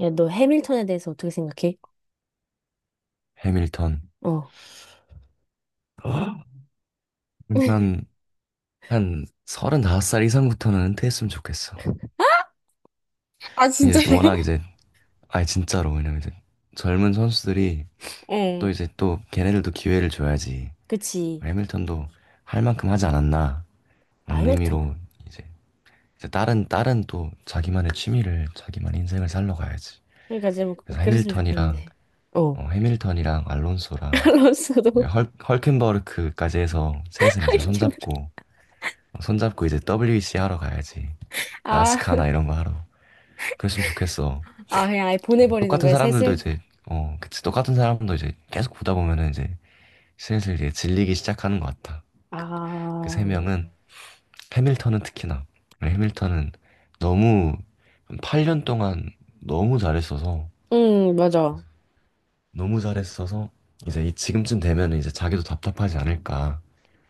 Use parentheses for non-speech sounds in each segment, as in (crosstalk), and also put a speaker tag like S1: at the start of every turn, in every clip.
S1: 야, 너 해밀턴에 대해서 어떻게 생각해?
S2: 해밀턴.
S1: 어.
S2: 난
S1: (laughs)
S2: 한 35살 이상부터는 은퇴했으면 좋겠어. 이제 워낙 이제, 아니 진짜로, 왜냐면 이제 젊은 선수들이 또
S1: 응.
S2: 이제 또 걔네들도 기회를 줘야지.
S1: 그치.
S2: 해밀턴도 할 만큼 하지 않았나
S1: 아,
S2: 라는 의미로
S1: 해밀턴.
S2: 이제, 이제 다른 또 자기만의 취미를, 자기만의 인생을 살러 가야지.
S1: 그러니까 좀
S2: 그래서
S1: 그랬으면
S2: 해밀턴이랑,
S1: 좋겠는데. 어.
S2: 해밀턴이랑
S1: (laughs)
S2: 알론소랑
S1: 알론소도
S2: 헐켄버크까지 해서
S1: (laughs)
S2: 셋은 이제
S1: 하이킹을.
S2: 손잡고, 손잡고 이제 WEC 하러 가야지.
S1: 아,
S2: 나스카나 이런 거 하러. 그랬으면 좋겠어.
S1: 아, 그냥 아예 보내버리는
S2: 똑같은
S1: 거야,
S2: 사람들도
S1: 셋을?
S2: 이제, 어, 그치. 똑같은 사람도 이제 계속 보다 보면은 이제 슬슬 이제 질리기 시작하는 것 같아. 그 그 세
S1: 아,
S2: 명은, 해밀턴은 특히나. 네, 해밀턴은 너무, 8년 동안 너무 잘했어서,
S1: 맞아.
S2: 너무 잘했어서, 이제 이 지금쯤 되면은 이제 자기도 답답하지 않을까.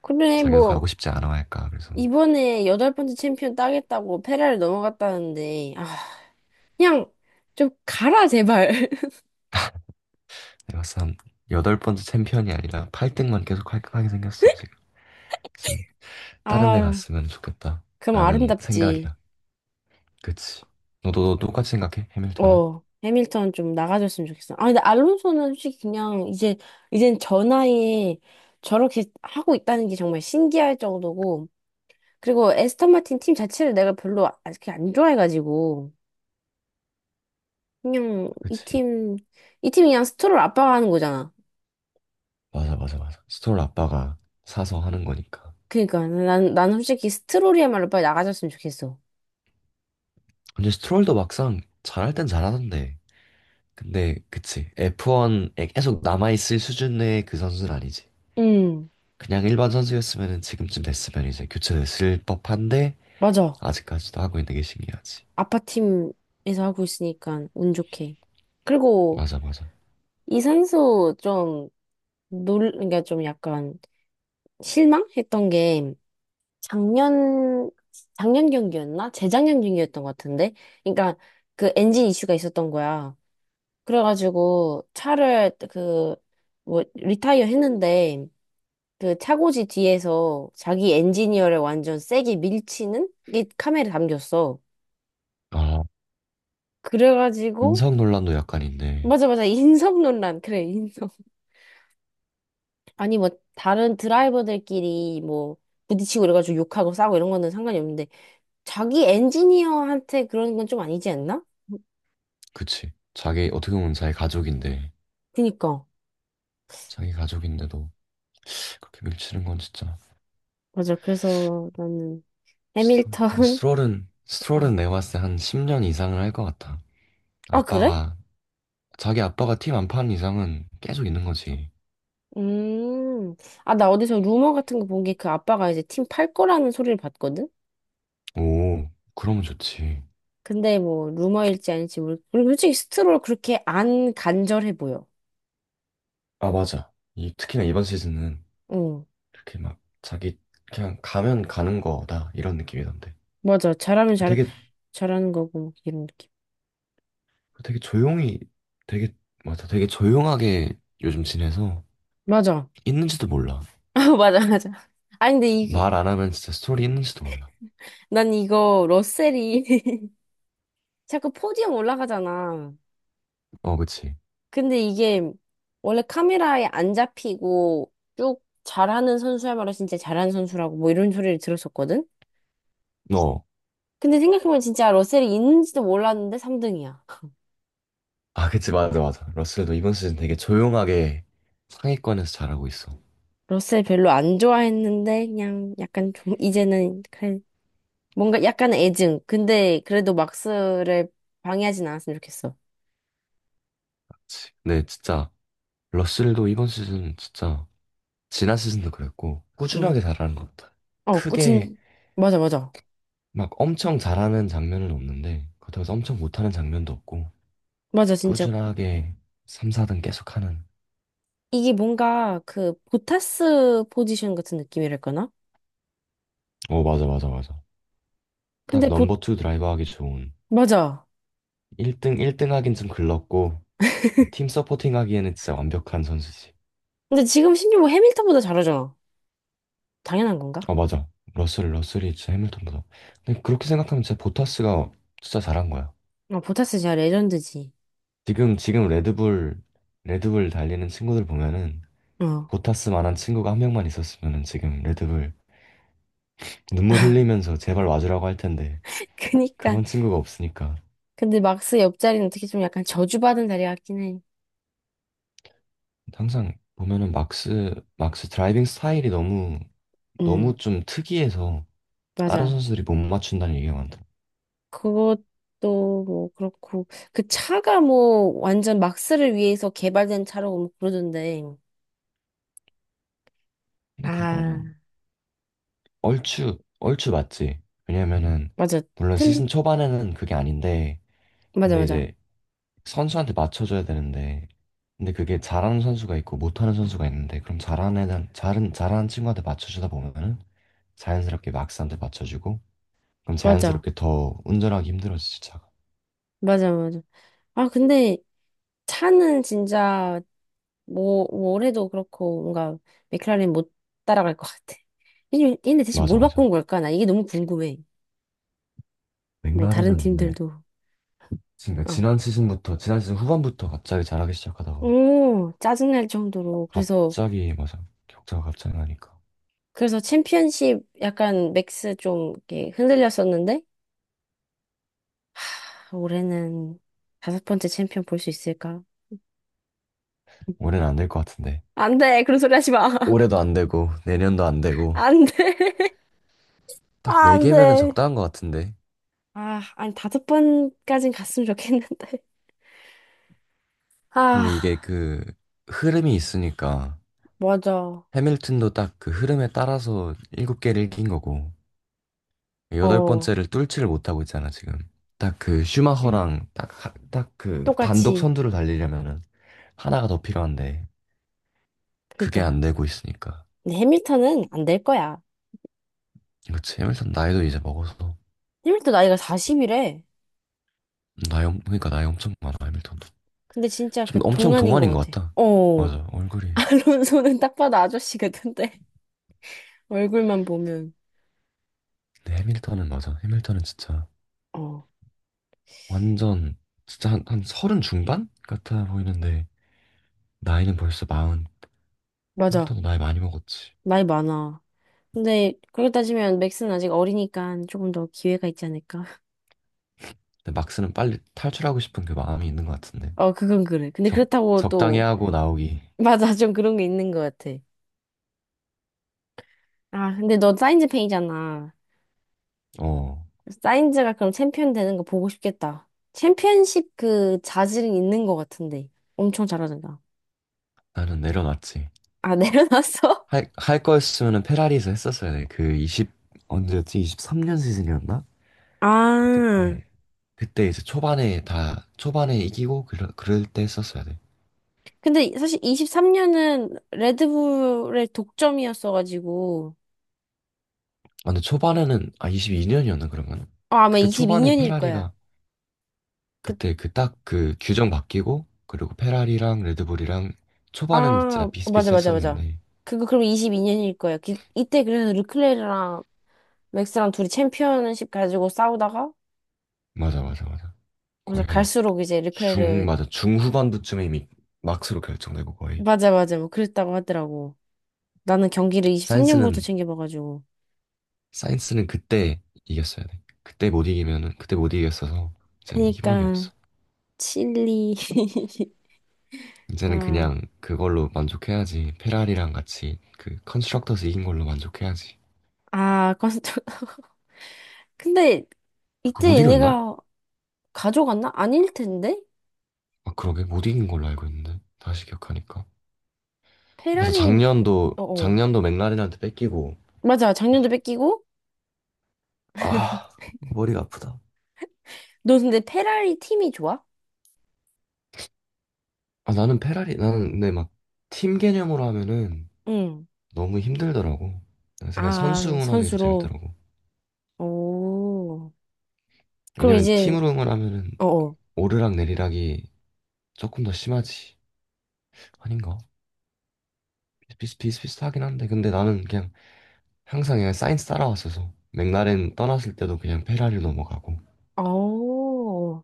S1: 그래,
S2: 자기도
S1: 뭐,
S2: 가고 싶지 않아 할까. 그래서
S1: 이번에 여덟 번째 챔피언 따겠다고 페라를 넘어갔다는데, 아, 그냥 좀 가라, 제발. (laughs)
S2: 내가 봤을 때한 8번째 챔피언이 아니라 8등만 계속 깔끔하게 생겼어, 지금. 좀 다른 데
S1: 아,
S2: 갔으면 좋겠다
S1: 그럼
S2: 라는
S1: 아름답지.
S2: 생각이야. 그치. 너도 너 똑같이 생각해? 해밀턴은?
S1: 어, 해밀턴 좀 나가줬으면 좋겠어. 아, 근데 알론소는 솔직히 그냥 이제, 이젠 저 나이에 저렇게 하고 있다는 게 정말 신기할 정도고, 그리고 에스턴 마틴 팀 자체를 내가 별로 아- 그렇게 안 좋아해가지고, 그냥
S2: 그치.
S1: 이 팀이 그냥 스트롤 아빠가하는 거잖아.
S2: 맞아, 맞아, 맞아. 스트롤 아빠가 사서 하는 거니까.
S1: 그니까, 난, 솔직히 스트롤이야말로 빨리 나가줬으면 좋겠어.
S2: 근데 스트롤도 막상 잘할 땐 잘하던데. 근데, 그치. F1에 계속 남아있을 수준의 그 선수는 아니지.
S1: 응,
S2: 그냥 일반 선수였으면 지금쯤 됐으면 이제 교체됐을 법한데,
S1: 맞아.
S2: 아직까지도 하고 있는 게 신기하지.
S1: 아빠 팀에서 하고 있으니까 운 좋게. 그리고
S2: 맞아, 맞아.
S1: 이 선수 좀 그러니까 좀 약간 실망했던 게 작년, 작년, 경기였나? 재작년 경기였던 것 같은데? 그러니까 그 엔진 이슈가 있었던 거야. 그래가지고 차를 그, 뭐, 리타이어 했는데 그 차고지 뒤에서 자기 엔지니어를 완전 세게 밀치는 게 카메라에 담겼어.
S2: 아,
S1: 그래가지고
S2: 인성 논란도 약간 인데.
S1: 맞아, 맞아. (laughs) 인성 논란. 그래, 인성. 아니, 뭐, 다른 드라이버들끼리 뭐, 부딪히고 이래가지고 욕하고 싸우고 이런 거는 상관이 없는데, 자기 엔지니어한테 그런 건 좀 아니지 않나?
S2: 그치. 자기, 어떻게 보면 자기 가족인데,
S1: 그니까.
S2: 자기 가족인데도 그렇게 밀치는 건 진짜.
S1: 맞아. 그래서 나는
S2: 스트롤. 근데
S1: 해밀턴.
S2: 스트롤은
S1: (laughs) 어.
S2: 스트롤은 내가 봤을 때 한 10년 이상을 할 것 같아.
S1: 아, 그래?
S2: 아빠가 자기 아빠가 팀 안 파는 이상은 계속 있는 거지.
S1: 음. 아, 나 어디서 루머 같은 거 본 게 그 아빠가 이제 팀 팔 거라는 소리를 봤거든?
S2: 오, 그러면 좋지.
S1: 근데 뭐 루머일지 아닐지 모르 그리고 솔직히 스트롤 그렇게 안 간절해 보여.
S2: 아, 맞아. 이 특히나 이번 시즌은
S1: 응.
S2: 이렇게 막 자기 그냥 가면 가는 거다 이런 느낌이던데.
S1: 맞아. 잘하면
S2: 되게
S1: 잘하는 거고, 이런 느낌.
S2: 되게 조용히 되게 맞아. 되게 조용하게 요즘 지내서
S1: 맞아. (laughs)
S2: 있는지도 몰라.
S1: 아, 맞아, 맞아. 아니, 근데
S2: 말 안 하면 진짜 스토리 있는지도 몰라.
S1: 난 이거 러셀이 (laughs) 자꾸 포디움 올라가잖아.
S2: 어, 그치.
S1: 근데 이게 원래 카메라에 안 잡히고 쭉 잘하는 선수야말로 진짜 잘하는 선수라고 뭐 이런 소리를 들었었거든?
S2: 어,
S1: 근데 생각해보면 진짜 러셀이 있는지도 몰랐는데 3등이야.
S2: 아, 그치, 맞아, 맞아. 러셀도 이번 시즌 되게 조용하게 상위권에서 잘하고 있어.
S1: 러셀 별로 안 좋아했는데 그냥 약간 좀 이제는 그래 뭔가 약간 애증. 근데 그래도 막스를 방해하진 않았으면 좋겠어.
S2: 그치. 근데 진짜 러셀도 이번 시즌 진짜 지난 시즌도 그랬고
S1: 응.
S2: 꾸준하게 잘하는 것 같아.
S1: 어,
S2: 크게
S1: 꾸친 맞아 맞아.
S2: 막 엄청 잘하는 장면은 없는데 그렇다고 해서 엄청 못하는 장면도 없고
S1: 맞아 진짜
S2: 꾸준하게 3, 4등 계속하는.
S1: 이게 뭔가 그 보타스 포지션 같은 느낌이랄까나?
S2: 어, 맞아, 맞아, 맞아. 딱
S1: 근데 보
S2: 넘버 투 드라이버 하기 좋은.
S1: 맞아.
S2: 1등 하긴 좀 글렀고 팀 서포팅 하기에는 진짜 완벽한 선수지.
S1: 근데 지금 신규 호 해밀턴보다 잘하잖아. 당연한 건가?
S2: 아 맞아. 러셀이 진짜 해밀턴보다. 근데 그렇게 생각하면 진짜 보타스가 진짜 잘한 거야.
S1: 어, 보타스 진짜 레전드지.
S2: 지금 레드불 달리는 친구들 보면은
S1: 어.
S2: 보타스만한 친구가 1명만 있었으면은 지금 레드불 눈물 흘리면서 제발 와주라고 할 텐데
S1: (laughs) 그니까.
S2: 그런 친구가 없으니까.
S1: 근데 막스 옆자리는 어떻게 좀 약간 저주받은 자리 같긴 해.
S2: 항상 보면은 막스 드라이빙 스타일이 너무
S1: 음,
S2: 너무 좀 특이해서 다른
S1: 맞아.
S2: 선수들이 못 맞춘다는 얘기가 많더라.
S1: 그것도 뭐 그렇고. 그 차가 뭐 완전 막스를 위해서 개발된 차라고 뭐 그러던데.
S2: 근데
S1: 아,
S2: 그거는 얼추 얼추 맞지. 왜냐면은
S1: 맞아.
S2: 물론
S1: 틀,
S2: 시즌 초반에는 그게 아닌데
S1: 맞아,
S2: 근데
S1: 맞아.
S2: 이제 선수한테 맞춰줘야 되는데, 근데 그게 잘하는 선수가 있고 못하는 선수가 있는데 그럼 잘하는 애는 잘은 잘하는 친구한테 맞춰주다 보면은 자연스럽게 막스한테 맞춰주고 그럼
S1: 맞아.
S2: 자연스럽게 더 운전하기 힘들어지지 차가.
S1: 맞아, 맞아. 아, 근데 차는 진짜 뭐, 올해도 그렇고 뭔가 맥클라렌 못 따라갈 것 같아. 얘네, 대체
S2: 맞아
S1: 뭘
S2: 맞아.
S1: 바꾼 걸까? 나 이게 너무 궁금해. 뭐 다른
S2: 맥라렌은 근데
S1: 팀들도.
S2: 그러니까
S1: 어.
S2: 지난 시즌 후반부터 갑자기 잘하기 시작하다가
S1: 오, 짜증날 정도로. 그래서
S2: 갑자기 맞아 격차가 갑자기 나니까
S1: 그래서 챔피언십 약간 맥스 좀 이렇게 흔들렸었는데 하, 올해는 다섯 번째 챔피언 볼 수 있을까?
S2: 올해는 안 될 것 같은데.
S1: 안 돼. 그런 소리 하지 마. (laughs)
S2: 올해도 안 되고 내년도 안 되고
S1: 안 돼.
S2: 딱
S1: 아,
S2: 네
S1: 안
S2: 개면은
S1: 돼.
S2: 적당한 것 같은데.
S1: 아, 아니 다섯 번까진 갔으면 좋겠는데. 아,
S2: 근데 이게 그 흐름이 있으니까
S1: 맞아.
S2: 해밀턴도 딱 그 흐름에 따라서 7개를 이긴 거고 여덟
S1: 어.
S2: 번째를 뚫지를 못하고 있잖아 지금. 딱 그
S1: (clears throat)
S2: 슈마허랑 딱 그 단독
S1: 똑같이.
S2: 선두를 달리려면은 하나가 더 필요한데 그게
S1: 그러니까.
S2: 안 되고 있으니까.
S1: 근데 해밀턴은 안 될 거야.
S2: 그렇지 해밀턴 나이도 이제 먹어서
S1: 해밀턴 나이가 40이래.
S2: 그러니까 나이 엄청 많아 해밀턴도.
S1: 근데 진짜
S2: 좀
S1: 그
S2: 엄청
S1: 동안인
S2: 동안인
S1: 것
S2: 것
S1: 같아.
S2: 같다.
S1: 어.
S2: 맞아 얼굴이.
S1: (laughs) 알론소는 딱 봐도 아저씨 같은데. (laughs) 얼굴만 보면.
S2: 근데 해밀턴은, 맞아, 해밀턴은 진짜
S1: 어.
S2: 완전 진짜 한 서른 중반 같아 보이는데 나이는 벌써 40.
S1: 맞아.
S2: 일단 나이 많이 먹었지.
S1: 나이 많아. 근데 그렇게 따지면 맥스는 아직 어리니까 조금 더 기회가 있지 않을까? (laughs)
S2: 근데 막스는 빨리 탈출하고 싶은 그 마음이 있는 것 같은데.
S1: 어, 그건 그래. 근데
S2: 적,
S1: 그렇다고
S2: 적당히
S1: 또
S2: 하고 나오기.
S1: (laughs) 맞아. 좀 그런 게 있는 것 같아. 아, 근데 너 사인즈 팬이잖아.
S2: 어,
S1: 사인즈가 그럼 챔피언 되는 거 보고 싶겠다. 챔피언십 그 자질은 있는 것 같은데. 엄청 잘하잖아.
S2: 나는 내려놨지.
S1: 아, 내려놨어? (laughs)
S2: 할 거였으면은 페라리에서 했었어야 돼. 그 20, 언제였지? 23년 시즌이었나?
S1: 아,
S2: 그때, 그때 이제 초반에 초반에 이기고 그럴 때 했었어야 돼.
S1: 근데 사실 23년은 레드불의 독점이었어가지고,
S2: 아, 근데 초반에는, 아, 22년이었나, 그러면?
S1: 어, 아마
S2: 그때 초반에
S1: 22년일 거야.
S2: 페라리가
S1: 그,
S2: 그때 그 딱 그 규정 바뀌고 그리고 페라리랑 레드불이랑 초반은 진짜
S1: 아, 맞아, 맞아, 맞아.
S2: 비슷비슷했었는데
S1: 그거 그럼 22년일 거야. 이때 그래서 르클레르랑 맥스랑 둘이 챔피언십 가지고 싸우다가,
S2: 맞아 맞아 맞아
S1: 맞아,
S2: 거의 한
S1: 갈수록 이제
S2: 중
S1: 르클레르,
S2: 맞아 중후반부쯤에 이미 막스로 결정되고 거의.
S1: 맞아, 맞아, 뭐 그랬다고 하더라고. 나는 경기를 23년부터
S2: 사인스는
S1: 챙겨봐가지고.
S2: 사인스는 그때 이겼어야 돼. 그때 못 이기면은 그때 못 이겼어서 이제는 희망이
S1: 그니까,
S2: 없어.
S1: 칠리. (laughs)
S2: 이제는
S1: 아,
S2: 그냥 그걸로 만족해야지. 페라리랑 같이 그 컨스트럭터스 이긴 걸로 만족해야지.
S1: 아, 컨 근데
S2: 아, 그
S1: 이때
S2: 못 이겼나?
S1: 얘네가 가져갔나? 아닐 텐데?
S2: 아 그러게 못 이긴 걸로 알고 있는데 다시 기억하니까. 그래서
S1: 페라리, 어, 어.
S2: 작년도 맥라렌한테 뺏기고.
S1: 맞아. 작년도 뺏기고.
S2: 아 머리가 아프다.
S1: 너 근데 페라리 팀이 좋아?
S2: 아 나는 페라리 나는 근데 막 팀 개념으로 하면은
S1: 응.
S2: 너무 힘들더라고. 그래서 그냥
S1: 아,
S2: 선수 응원하는 게 더
S1: 선수로.
S2: 재밌더라고.
S1: 오. 그럼
S2: 왜냐면
S1: 이제,
S2: 팀으로 응원하면은
S1: 어, 어.
S2: 오르락 내리락이 조금 더 심하지 아닌가? 비슷비슷하긴 한데. 근데 나는 그냥 항상 그냥 사이언스 따라왔어서 맥라렌 떠났을 때도 그냥 페라리로 넘어가고.
S1: 어.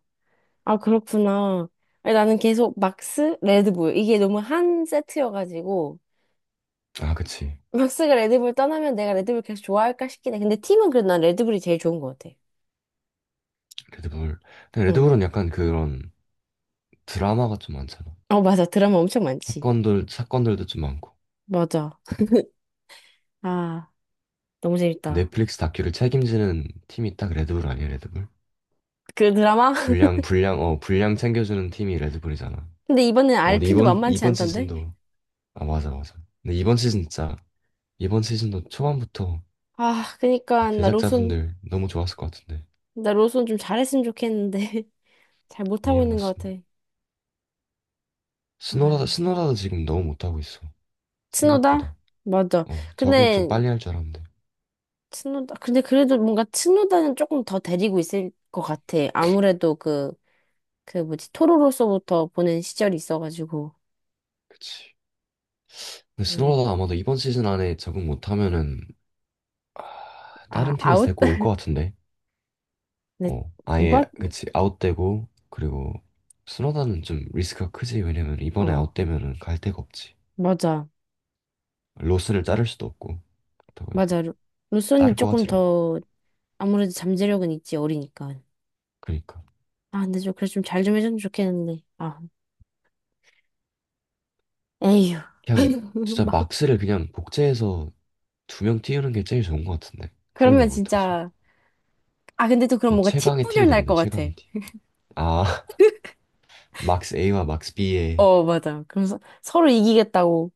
S1: 아, 그렇구나. 아니, 나는 계속 막스, 레드불. 이게 너무 한 세트여가지고.
S2: 아 그치.
S1: 막스가 레드불 떠나면 내가 레드불 계속 좋아할까 싶긴 해. 근데 팀은 그래도 난 레드불이 제일 좋은 것 같아.
S2: 레드불. 근데
S1: 응.
S2: 레드불은 약간 그런 드라마가 좀 많잖아.
S1: 어, 맞아. 드라마 엄청 많지.
S2: 사건들도 좀 많고.
S1: 맞아. 아. 너무
S2: 그
S1: 재밌다.
S2: 넷플릭스 다큐를 책임지는 팀이 딱 레드불 아니야, 레드불?
S1: 그 드라마? (laughs)
S2: 분량 챙겨주는 팀이 레드불이잖아.
S1: 근데 이번엔
S2: 어,
S1: 알
S2: 근데
S1: 핀도 만만치
S2: 이번
S1: 않던데?
S2: 시즌도, 아, 맞아, 맞아. 근데 이번 시즌 진짜, 이번 시즌도 초반부터
S1: 아, 그니까 나 로손
S2: 제작자분들 너무 좋았을 것 같은데.
S1: 나 로손 좀 잘했으면 좋겠는데 (laughs) 잘 못하고
S2: 리암
S1: 있는 것
S2: 로슨.
S1: 같아. 아,
S2: 스노라도 지금 너무 못하고 있어. 생각보다.
S1: 츠노다? 맞아.
S2: 어, 적응
S1: 근데
S2: 좀 빨리 할 줄 알았는데.
S1: 츠노다 근데 그래도 뭔가 츠노다는 조금 더 데리고 있을 것 같아. 아무래도 그 뭐지 토로로서부터 보낸 시절이 있어가지고.
S2: 그치. 근데
S1: 음.
S2: 스노라도 아마도 이번 시즌 안에 적응 못하면은
S1: 아
S2: 다른 팀에서
S1: 아웃?
S2: 데리고 올 것
S1: (laughs)
S2: 같은데.
S1: 근데
S2: 어, 아예
S1: 누가
S2: 그치 아웃되고 그리고 수노다는 좀 리스크가 크지. 왜냐면 이번에
S1: 어
S2: 아웃되면은 갈 데가 없지.
S1: 맞아
S2: 로스를 자를 수도 없고 그렇다고 해서
S1: 맞아 루손이
S2: 자를 것
S1: 조금
S2: 같질 않고.
S1: 더 아무래도 잠재력은 있지 어리니까.
S2: 그러니까
S1: 아, 근데 좀, 그래, 좀 잘 좀 해줬으면 좋겠는데. 아, 에휴.
S2: 그냥
S1: (laughs)
S2: 진짜
S1: 막,
S2: 막스를 그냥 복제해서 2명 띄우는 게 제일 좋은 것 같은데. 그걸 왜
S1: 그러면
S2: 못하지?
S1: 진짜, 아, 근데 또 그럼
S2: 그냥
S1: 뭔가 팀
S2: 최강의 팀이
S1: 분열 날
S2: 되는데.
S1: 것 같아.
S2: 최강의 팀. 아 (laughs) 막스 A와 막스 B의
S1: 어, 맞아. 그래서 서로 이기겠다고.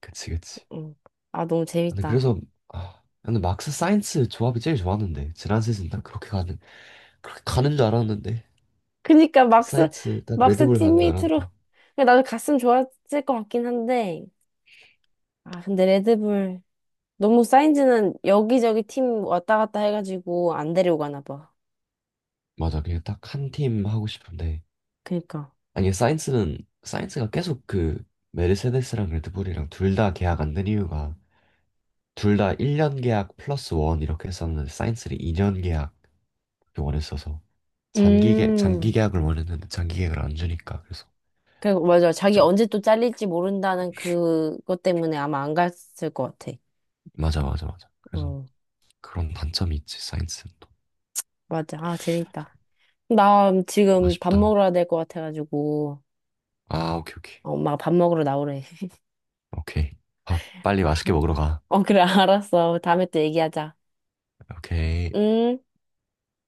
S2: 그치 그치.
S1: 응. 아, 너무
S2: 근데
S1: 재밌다.
S2: 그래서 아 근데 막스 사이언스 조합이 제일 좋았는데 지난 시즌 딱 그렇게 가는 줄 알았는데.
S1: 그니까
S2: 사이언스 딱
S1: 막스
S2: 레드불 가는 줄
S1: 팀메이트로.
S2: 알았는데.
S1: 그러니까 나도 갔으면 좋았을 것 같긴 한데. 아, 근데 레드불. 너무 사인즈는 여기저기 팀 왔다 갔다 해가지고 안 데려가나 봐.
S2: 맞아 그냥 딱 한 팀 하고 싶은데.
S1: 그니까.
S2: 아니 사이언스는 사이언스가 계속 그 메르세데스랑 레드불이랑 둘 다 계약 안 된 이유가 둘 다 1년 계약 플러스 원 이렇게 했었는데 사이언스는 2년 계약 원했어서 장기
S1: 음.
S2: 계약을 원했는데 장기 계약을 안 주니까. 그래서
S1: 그, 맞아. 자기
S2: 좀
S1: 언제 또 잘릴지 모른다는 그것 때문에 아마 안 갔을 것 같아.
S2: 맞아 맞아 맞아. 그래서
S1: 어,
S2: 그런 단점이 있지 사이언스는 또.
S1: 맞아. 아, 재밌다. 나 지금 밥
S2: 아쉽다.
S1: 먹으러 될 것 같아가지고,
S2: 아 오케이 오케이.
S1: 엄마가 밥 먹으러 나오래. (laughs)
S2: 오케이. 밥 빨리 맛있게 먹으러 가.
S1: 어, 그래, 알았어. 다음에 또 얘기하자.
S2: 오케이.
S1: 응?